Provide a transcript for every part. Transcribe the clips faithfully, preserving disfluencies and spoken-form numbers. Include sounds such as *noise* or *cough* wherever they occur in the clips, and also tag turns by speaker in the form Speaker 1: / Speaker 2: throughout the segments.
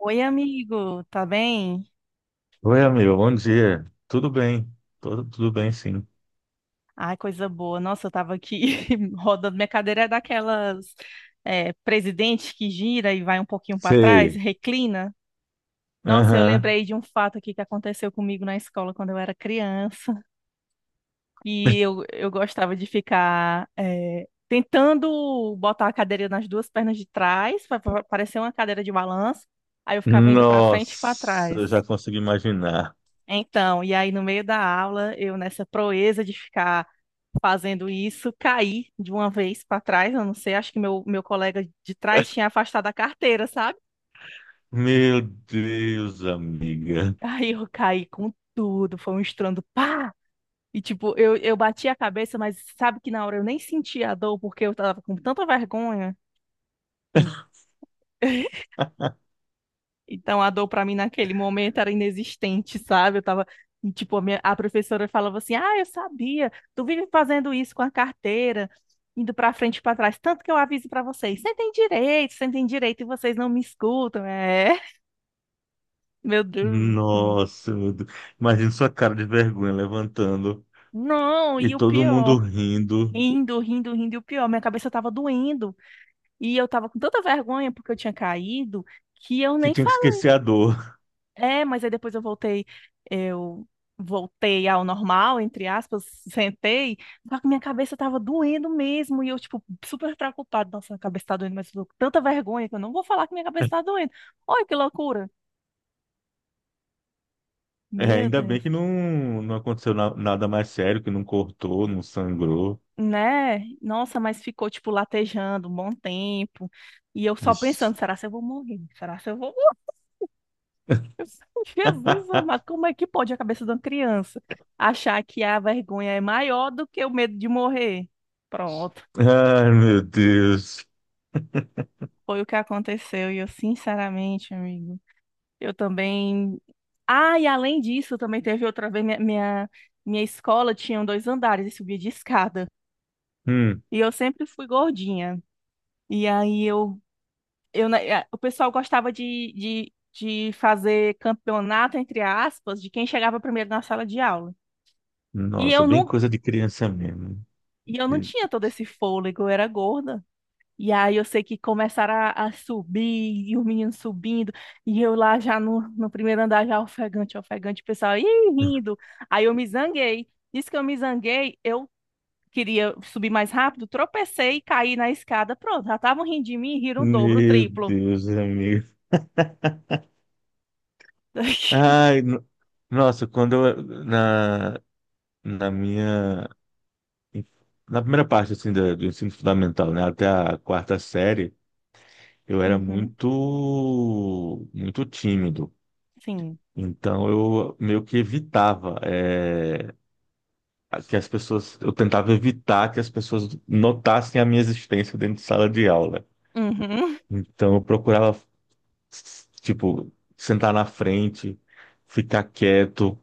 Speaker 1: Oi, amigo, tá bem?
Speaker 2: Oi, amigo, bom dia. Tudo bem? Tudo, tudo bem, sim.
Speaker 1: Ai, coisa boa. Nossa, eu tava aqui *laughs* rodando. Minha cadeira é daquelas é, presidente, que gira e vai um pouquinho para trás,
Speaker 2: Sei.
Speaker 1: reclina. Nossa, eu
Speaker 2: Aham.
Speaker 1: lembrei de um fato aqui que aconteceu comigo na escola quando eu era criança. E eu, eu gostava de ficar é, tentando botar a cadeira nas duas pernas de trás, para parecer uma cadeira de balanço. Aí eu ficava indo para frente e para
Speaker 2: Nossa,
Speaker 1: trás.
Speaker 2: eu já consigo imaginar.
Speaker 1: Então, e aí no meio da aula, eu nessa proeza de ficar fazendo isso, caí de uma vez para trás, eu não sei, acho que meu, meu colega de trás tinha afastado a carteira, sabe?
Speaker 2: Meu Deus, amiga.
Speaker 1: *laughs* Aí eu caí com tudo, foi um estrondo, pá! E tipo, eu, eu bati a cabeça, mas sabe que na hora eu nem senti a dor, porque eu tava com tanta vergonha. *laughs* Então a dor pra mim naquele momento era inexistente, sabe? Eu tava, tipo, a minha- a professora falava assim: "Ah, eu sabia. Tu vive fazendo isso com a carteira, indo pra frente e pra trás, tanto que eu aviso pra vocês. Sentem direito, sentem direito e vocês não me escutam". É. *laughs* Meu Deus.
Speaker 2: Nossa, meu Deus. Imagina sua cara de vergonha levantando
Speaker 1: Não,
Speaker 2: e
Speaker 1: e o
Speaker 2: todo mundo
Speaker 1: pior,
Speaker 2: rindo,
Speaker 1: rindo, rindo, rindo, e o pior, minha cabeça tava doendo e eu tava com tanta vergonha porque eu tinha caído que eu
Speaker 2: que
Speaker 1: nem.
Speaker 2: tinha que esquecer a dor.
Speaker 1: É, mas aí depois eu voltei, eu voltei ao normal, entre aspas, *laughs* sentei, só que minha cabeça tava doendo mesmo, e eu, tipo, super preocupada, nossa, minha cabeça tá doendo, mas eu tô com tanta vergonha que eu não vou falar que minha cabeça tá
Speaker 2: *laughs*
Speaker 1: doendo. Olha que loucura.
Speaker 2: É,
Speaker 1: Meu
Speaker 2: ainda bem
Speaker 1: Deus.
Speaker 2: que não, não aconteceu na- nada mais sério, que não cortou, não sangrou.
Speaker 1: Né? Nossa, mas ficou, tipo, latejando um bom tempo, e eu só
Speaker 2: Vixe.
Speaker 1: pensando, será se eu vou morrer? Será se eu vou morrer? *laughs* Jesus
Speaker 2: *laughs*
Speaker 1: amado, como é que pode a cabeça de uma criança achar que a vergonha é maior do que o medo de morrer? Pronto.
Speaker 2: Ai, meu Deus.
Speaker 1: Foi o que aconteceu. E eu, sinceramente, amigo, eu também. Ah, e além disso, também teve outra vez. Minha, minha, minha escola tinha dois andares e subia de escada.
Speaker 2: Hum.
Speaker 1: E eu sempre fui gordinha. E aí eu, eu, na- eh, o pessoal gostava de, de, de fazer campeonato, entre aspas, de quem chegava primeiro na sala de aula. E
Speaker 2: Nossa,
Speaker 1: eu
Speaker 2: bem
Speaker 1: não,
Speaker 2: coisa de criança mesmo.
Speaker 1: e eu não tinha todo esse fôlego, eu era gorda. E aí eu sei que começaram a, a subir, e os meninos subindo, e eu lá já no, no primeiro andar, já ofegante, ofegante, o pessoal, ih, rindo. Aí eu me zanguei. Diz que eu me zanguei, eu queria subir mais rápido, tropecei e caí na escada. Pronto, já estavam rindo de mim e riram o dobro, o
Speaker 2: Meu
Speaker 1: triplo.
Speaker 2: Deus, amigo.
Speaker 1: *laughs*
Speaker 2: Ai, no- nossa, quando eu, na, na minha, na primeira parte, assim, da- do ensino fundamental, né, até a quarta série, eu era
Speaker 1: Uhum,
Speaker 2: muito, muito tímido.
Speaker 1: sim.
Speaker 2: Então, eu meio que evitava, eh, que as pessoas, eu tentava evitar que as pessoas notassem a minha existência dentro de sala de aula.
Speaker 1: Uhum,
Speaker 2: Então, eu procurava s- tipo, sentar na frente, ficar quieto,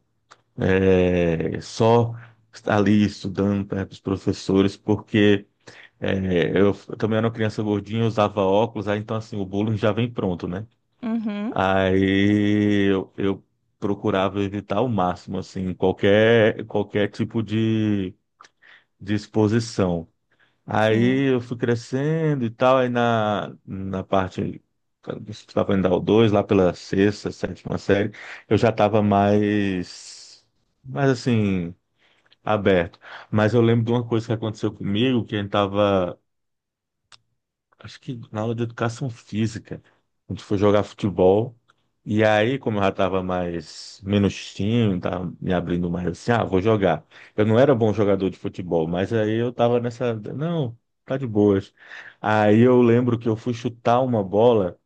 Speaker 2: é, só estar ali estudando perto dos professores, porque é, eu f- também era uma criança gordinha, usava óculos, aí então assim, o bullying já vem pronto, né?
Speaker 1: uhum,
Speaker 2: Aí eu, eu procurava evitar ao máximo, assim, qualquer, qualquer tipo de, de exposição.
Speaker 1: sim.
Speaker 2: Aí eu fui crescendo e tal, aí na, na parte que estava indo ao dois lá pela sexta, sétima série, eu já estava mais, mais assim, aberto. Mas eu lembro de uma coisa que aconteceu comigo, que a gente estava acho que na aula de educação física, a gente foi jogar futebol, e aí, como eu já estava mais, menos tímido, tava me abrindo mais assim, ah, vou jogar. Eu não era bom jogador de futebol, mas aí eu estava nessa, não, tá de boas. Aí eu lembro que eu fui chutar uma bola,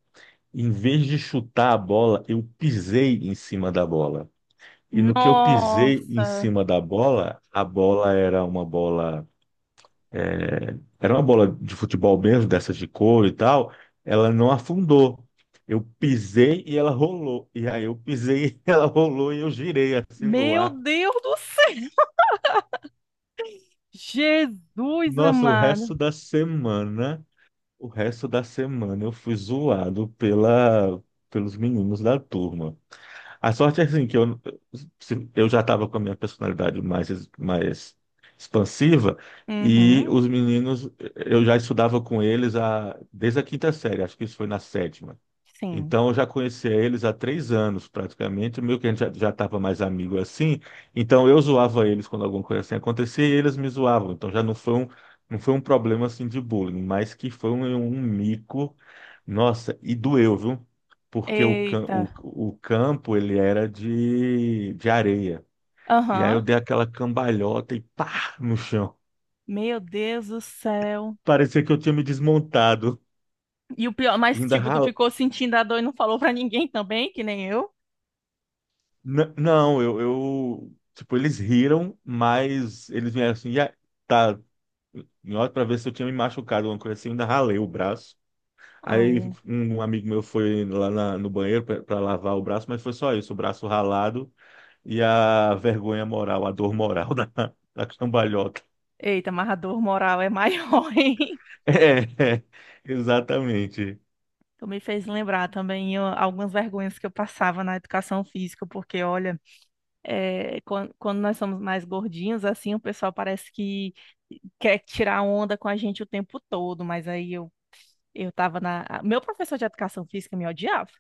Speaker 2: em vez de chutar a bola, eu pisei em cima da bola. E no que eu pisei em
Speaker 1: Nossa,
Speaker 2: cima da bola, a bola era uma bola é, era uma bola de futebol mesmo, dessas de couro e tal, ela não afundou. Eu pisei e ela rolou. E aí eu pisei *laughs* e ela rolou e eu girei assim no
Speaker 1: meu
Speaker 2: ar.
Speaker 1: Deus do céu! Jesus
Speaker 2: Nossa, o
Speaker 1: amado.
Speaker 2: resto da semana, o resto da semana eu fui zoado pela, pelos meninos da turma. A sorte é assim, que eu, se- eu já estava com a minha personalidade mais, es- mais expansiva e
Speaker 1: Uhum,
Speaker 2: os meninos, eu já estudava com eles a, desde a quinta série, acho que isso foi na sétima.
Speaker 1: sim.
Speaker 2: Então, eu já conhecia eles há três anos, praticamente, meio que a gente já já estava mais amigo assim. Então, eu zoava eles quando alguma coisa assim acontecia e eles me zoavam. Então, já não foi um, não foi um problema assim de bullying, mas que foi um, um mico. Nossa, e doeu, viu? Porque o, cam-
Speaker 1: Eita.
Speaker 2: o, o campo, ele era de, de areia. E aí
Speaker 1: Aham.
Speaker 2: eu dei aquela cambalhota e pá, no chão.
Speaker 1: Meu Deus do céu.
Speaker 2: Parecia que eu tinha me desmontado.
Speaker 1: E o pior,
Speaker 2: E
Speaker 1: mas
Speaker 2: ainda
Speaker 1: tipo, tu
Speaker 2: ralei.
Speaker 1: ficou sentindo a dor e não falou pra ninguém também, que nem eu?
Speaker 2: N- não, eu, eu- Tipo, eles riram, mas eles vieram assim, já tá. Em hora pra ver se eu tinha me machucado, alguma coisa assim, eu ainda ralei o braço. Aí
Speaker 1: Ai,
Speaker 2: um amigo meu foi lá na- no banheiro pra pra lavar o braço, mas foi só isso, o braço ralado e a vergonha moral, a dor moral *laughs* da, da cambalhota.
Speaker 1: eita, mas a dor moral é maior, *laughs* hein?
Speaker 2: É, *laughs* é, exatamente.
Speaker 1: Tu me fez lembrar também ó, algumas vergonhas que eu passava na educação física, porque olha, é, quan- quando, nós somos mais gordinhos, assim, o pessoal parece que quer tirar onda com a gente o tempo todo, mas aí eu, eu tava na. Meu professor de educação física me odiava.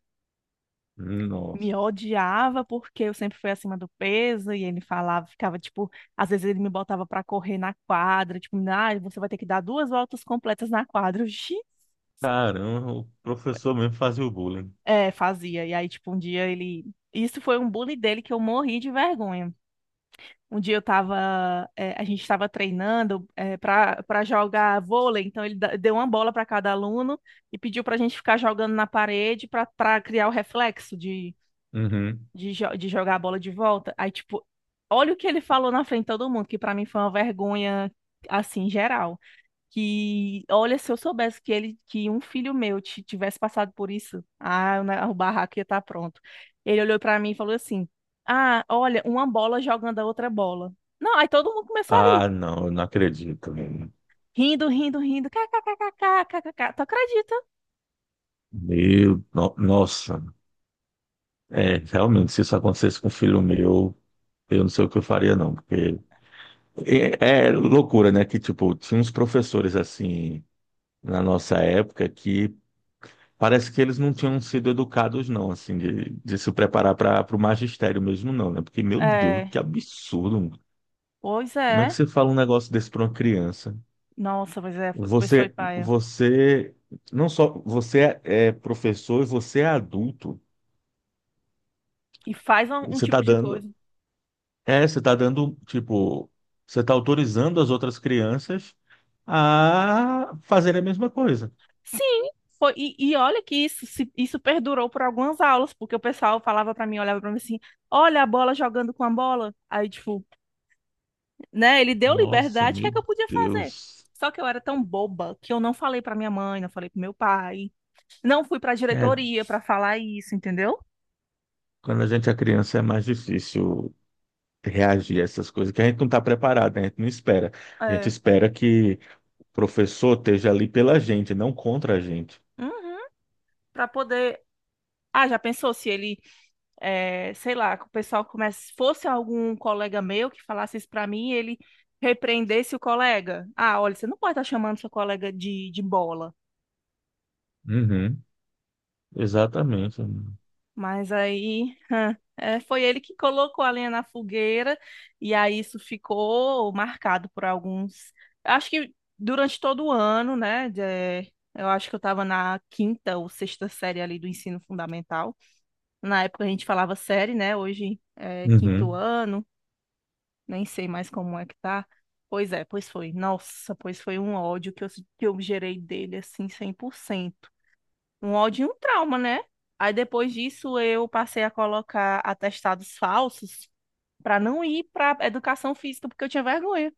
Speaker 1: Me
Speaker 2: Nossa,
Speaker 1: odiava porque eu sempre fui acima do peso e ele falava, ficava tipo, às vezes ele me botava pra correr na quadra, tipo, ah, você vai ter que dar duas voltas completas na quadra. *laughs* Eu, "Xi".
Speaker 2: caramba, o professor mesmo fazia o bullying.
Speaker 1: É, fazia. E aí, tipo, um dia ele. Isso foi um bullying dele que eu morri de vergonha. Um dia eu tava, é, a gente estava treinando é, para para jogar vôlei, então ele da- deu uma bola para cada aluno e pediu pra gente ficar jogando na parede pra para criar o reflexo de
Speaker 2: Uhum.
Speaker 1: de, jo- de jogar a bola de volta. Aí, tipo, olha o que ele falou na frente de todo mundo, que pra mim foi uma vergonha, assim, geral. Que, olha, se eu soubesse que ele, que um filho meu ti- tivesse passado por isso, ah, o ne- o barraco ia estar pronto. Ele olhou pra mim e falou assim: ah, olha, uma bola jogando a outra bola. Não, aí todo mundo começou a rir.
Speaker 2: Ah, não, eu não acredito.
Speaker 1: Rindo, rindo, rindo. ká ká ká ká ká, ká ká ká. Tu acredita?
Speaker 2: Meu, no- nossa, é, realmente, se isso acontecesse com um filho meu, eu não sei o que eu faria, não, porque é, é loucura, né? Que, tipo, tinha uns professores, assim, na nossa época, que parece que eles não tinham sido educados, não, assim, de, de se preparar para o magistério mesmo, não, né? Porque, meu Deus,
Speaker 1: É,
Speaker 2: que absurdo, mano.
Speaker 1: pois
Speaker 2: Como é que
Speaker 1: é.
Speaker 2: você fala um negócio desse para uma criança?
Speaker 1: Nossa, pois é, foi- pois foi
Speaker 2: Você,
Speaker 1: paia.
Speaker 2: você, não só, você é é professor e você é adulto.
Speaker 1: E faz um um
Speaker 2: Você está
Speaker 1: tipo de
Speaker 2: dando,
Speaker 1: coisa.
Speaker 2: É, você tá dando, tipo, você tá autorizando as outras crianças a fazer a mesma coisa.
Speaker 1: Sim, foi. E, e olha que isso, se- isso perdurou por algumas aulas, porque o pessoal falava pra mim, olhava pra mim assim, olha a bola jogando com a bola. Aí, tipo, né, ele deu
Speaker 2: Nossa,
Speaker 1: liberdade, o que é
Speaker 2: meu
Speaker 1: que eu podia fazer?
Speaker 2: Deus.
Speaker 1: Só que eu era tão boba que eu não falei pra minha mãe, não falei pro meu pai, não fui pra
Speaker 2: É,
Speaker 1: diretoria pra falar isso, entendeu?
Speaker 2: quando a gente é criança é mais difícil reagir a essas coisas, que a gente não está preparado, né? A gente não espera. A gente
Speaker 1: É.
Speaker 2: espera que o professor esteja ali pela gente, não contra a gente.
Speaker 1: Uhum, pra poder. Ah, já pensou se ele é, sei lá, que o pessoal começa, fosse algum colega meu que falasse isso para mim, ele repreendesse o colega. Ah, olha, você não pode estar chamando seu colega de, de bola.
Speaker 2: Uhum, exatamente.
Speaker 1: Mas aí, hã, é, foi ele que colocou a lenha na fogueira e aí isso ficou marcado por alguns. Acho que durante todo o ano, né? De- eu acho que eu estava na quinta ou sexta série ali do ensino fundamental. Na época a gente falava série, né? Hoje é quinto
Speaker 2: Uhum.
Speaker 1: ano, nem sei mais como é que tá. Pois é, pois foi. Nossa, pois foi um ódio que eu, que eu gerei dele, assim, cem por cento. Um ódio e um trauma, né? Aí depois disso eu passei a colocar atestados falsos pra não ir pra educação física, porque eu tinha vergonha.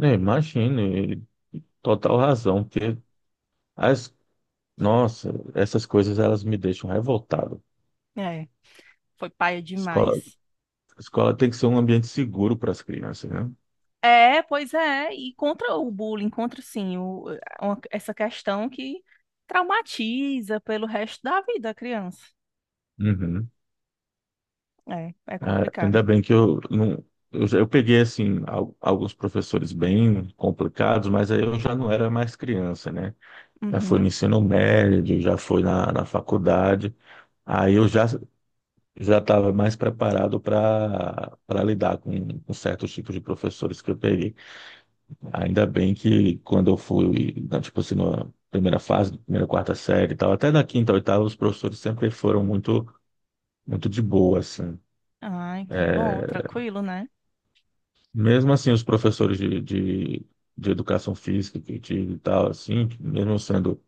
Speaker 2: É, imagino, e- e total razão, porque as, nossa, essas coisas elas me deixam revoltado.
Speaker 1: É, foi paia
Speaker 2: Escola,
Speaker 1: demais.
Speaker 2: escola tem que ser um ambiente seguro para as crianças, né?
Speaker 1: É, pois é, e contra o bullying, contra sim, o- uma- essa questão que traumatiza pelo resto da vida a criança.
Speaker 2: Uhum.
Speaker 1: É, é
Speaker 2: É,
Speaker 1: complicado.
Speaker 2: ainda bem que eu não. Eu, já- eu peguei, assim, al- alguns professores bem complicados, mas aí eu já não era mais criança, né? Já foi no
Speaker 1: Uhum.
Speaker 2: ensino médio, já foi na, na faculdade. Aí eu já já estava mais preparado para para lidar com, com certos tipos de professores que eu peguei. Ainda bem que quando eu fui, né, tipo assim, na primeira fase, primeira, quarta série e tal, até na quinta, oitava, os professores sempre foram muito muito de boa, assim.
Speaker 1: Ai, que bom,
Speaker 2: É,
Speaker 1: tranquilo, né?
Speaker 2: mesmo assim, os professores de, de, de educação física que eu tive e tal, assim, que mesmo sendo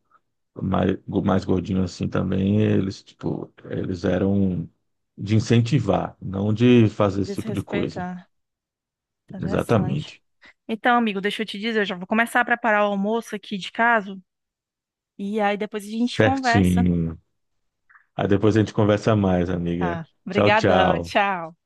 Speaker 2: mais, mais gordinho assim também, eles, tipo, eles eram de incentivar, não de fazer esse tipo de coisa.
Speaker 1: Desrespeitar. Tá interessante.
Speaker 2: Exatamente.
Speaker 1: Então, amigo, deixa eu te dizer, eu já vou começar a preparar o almoço aqui de casa e aí depois a gente conversa.
Speaker 2: Certinho. Aí depois a gente conversa mais, amiga.
Speaker 1: Tá.
Speaker 2: Tchau,
Speaker 1: Obrigadão,
Speaker 2: tchau.
Speaker 1: tchau.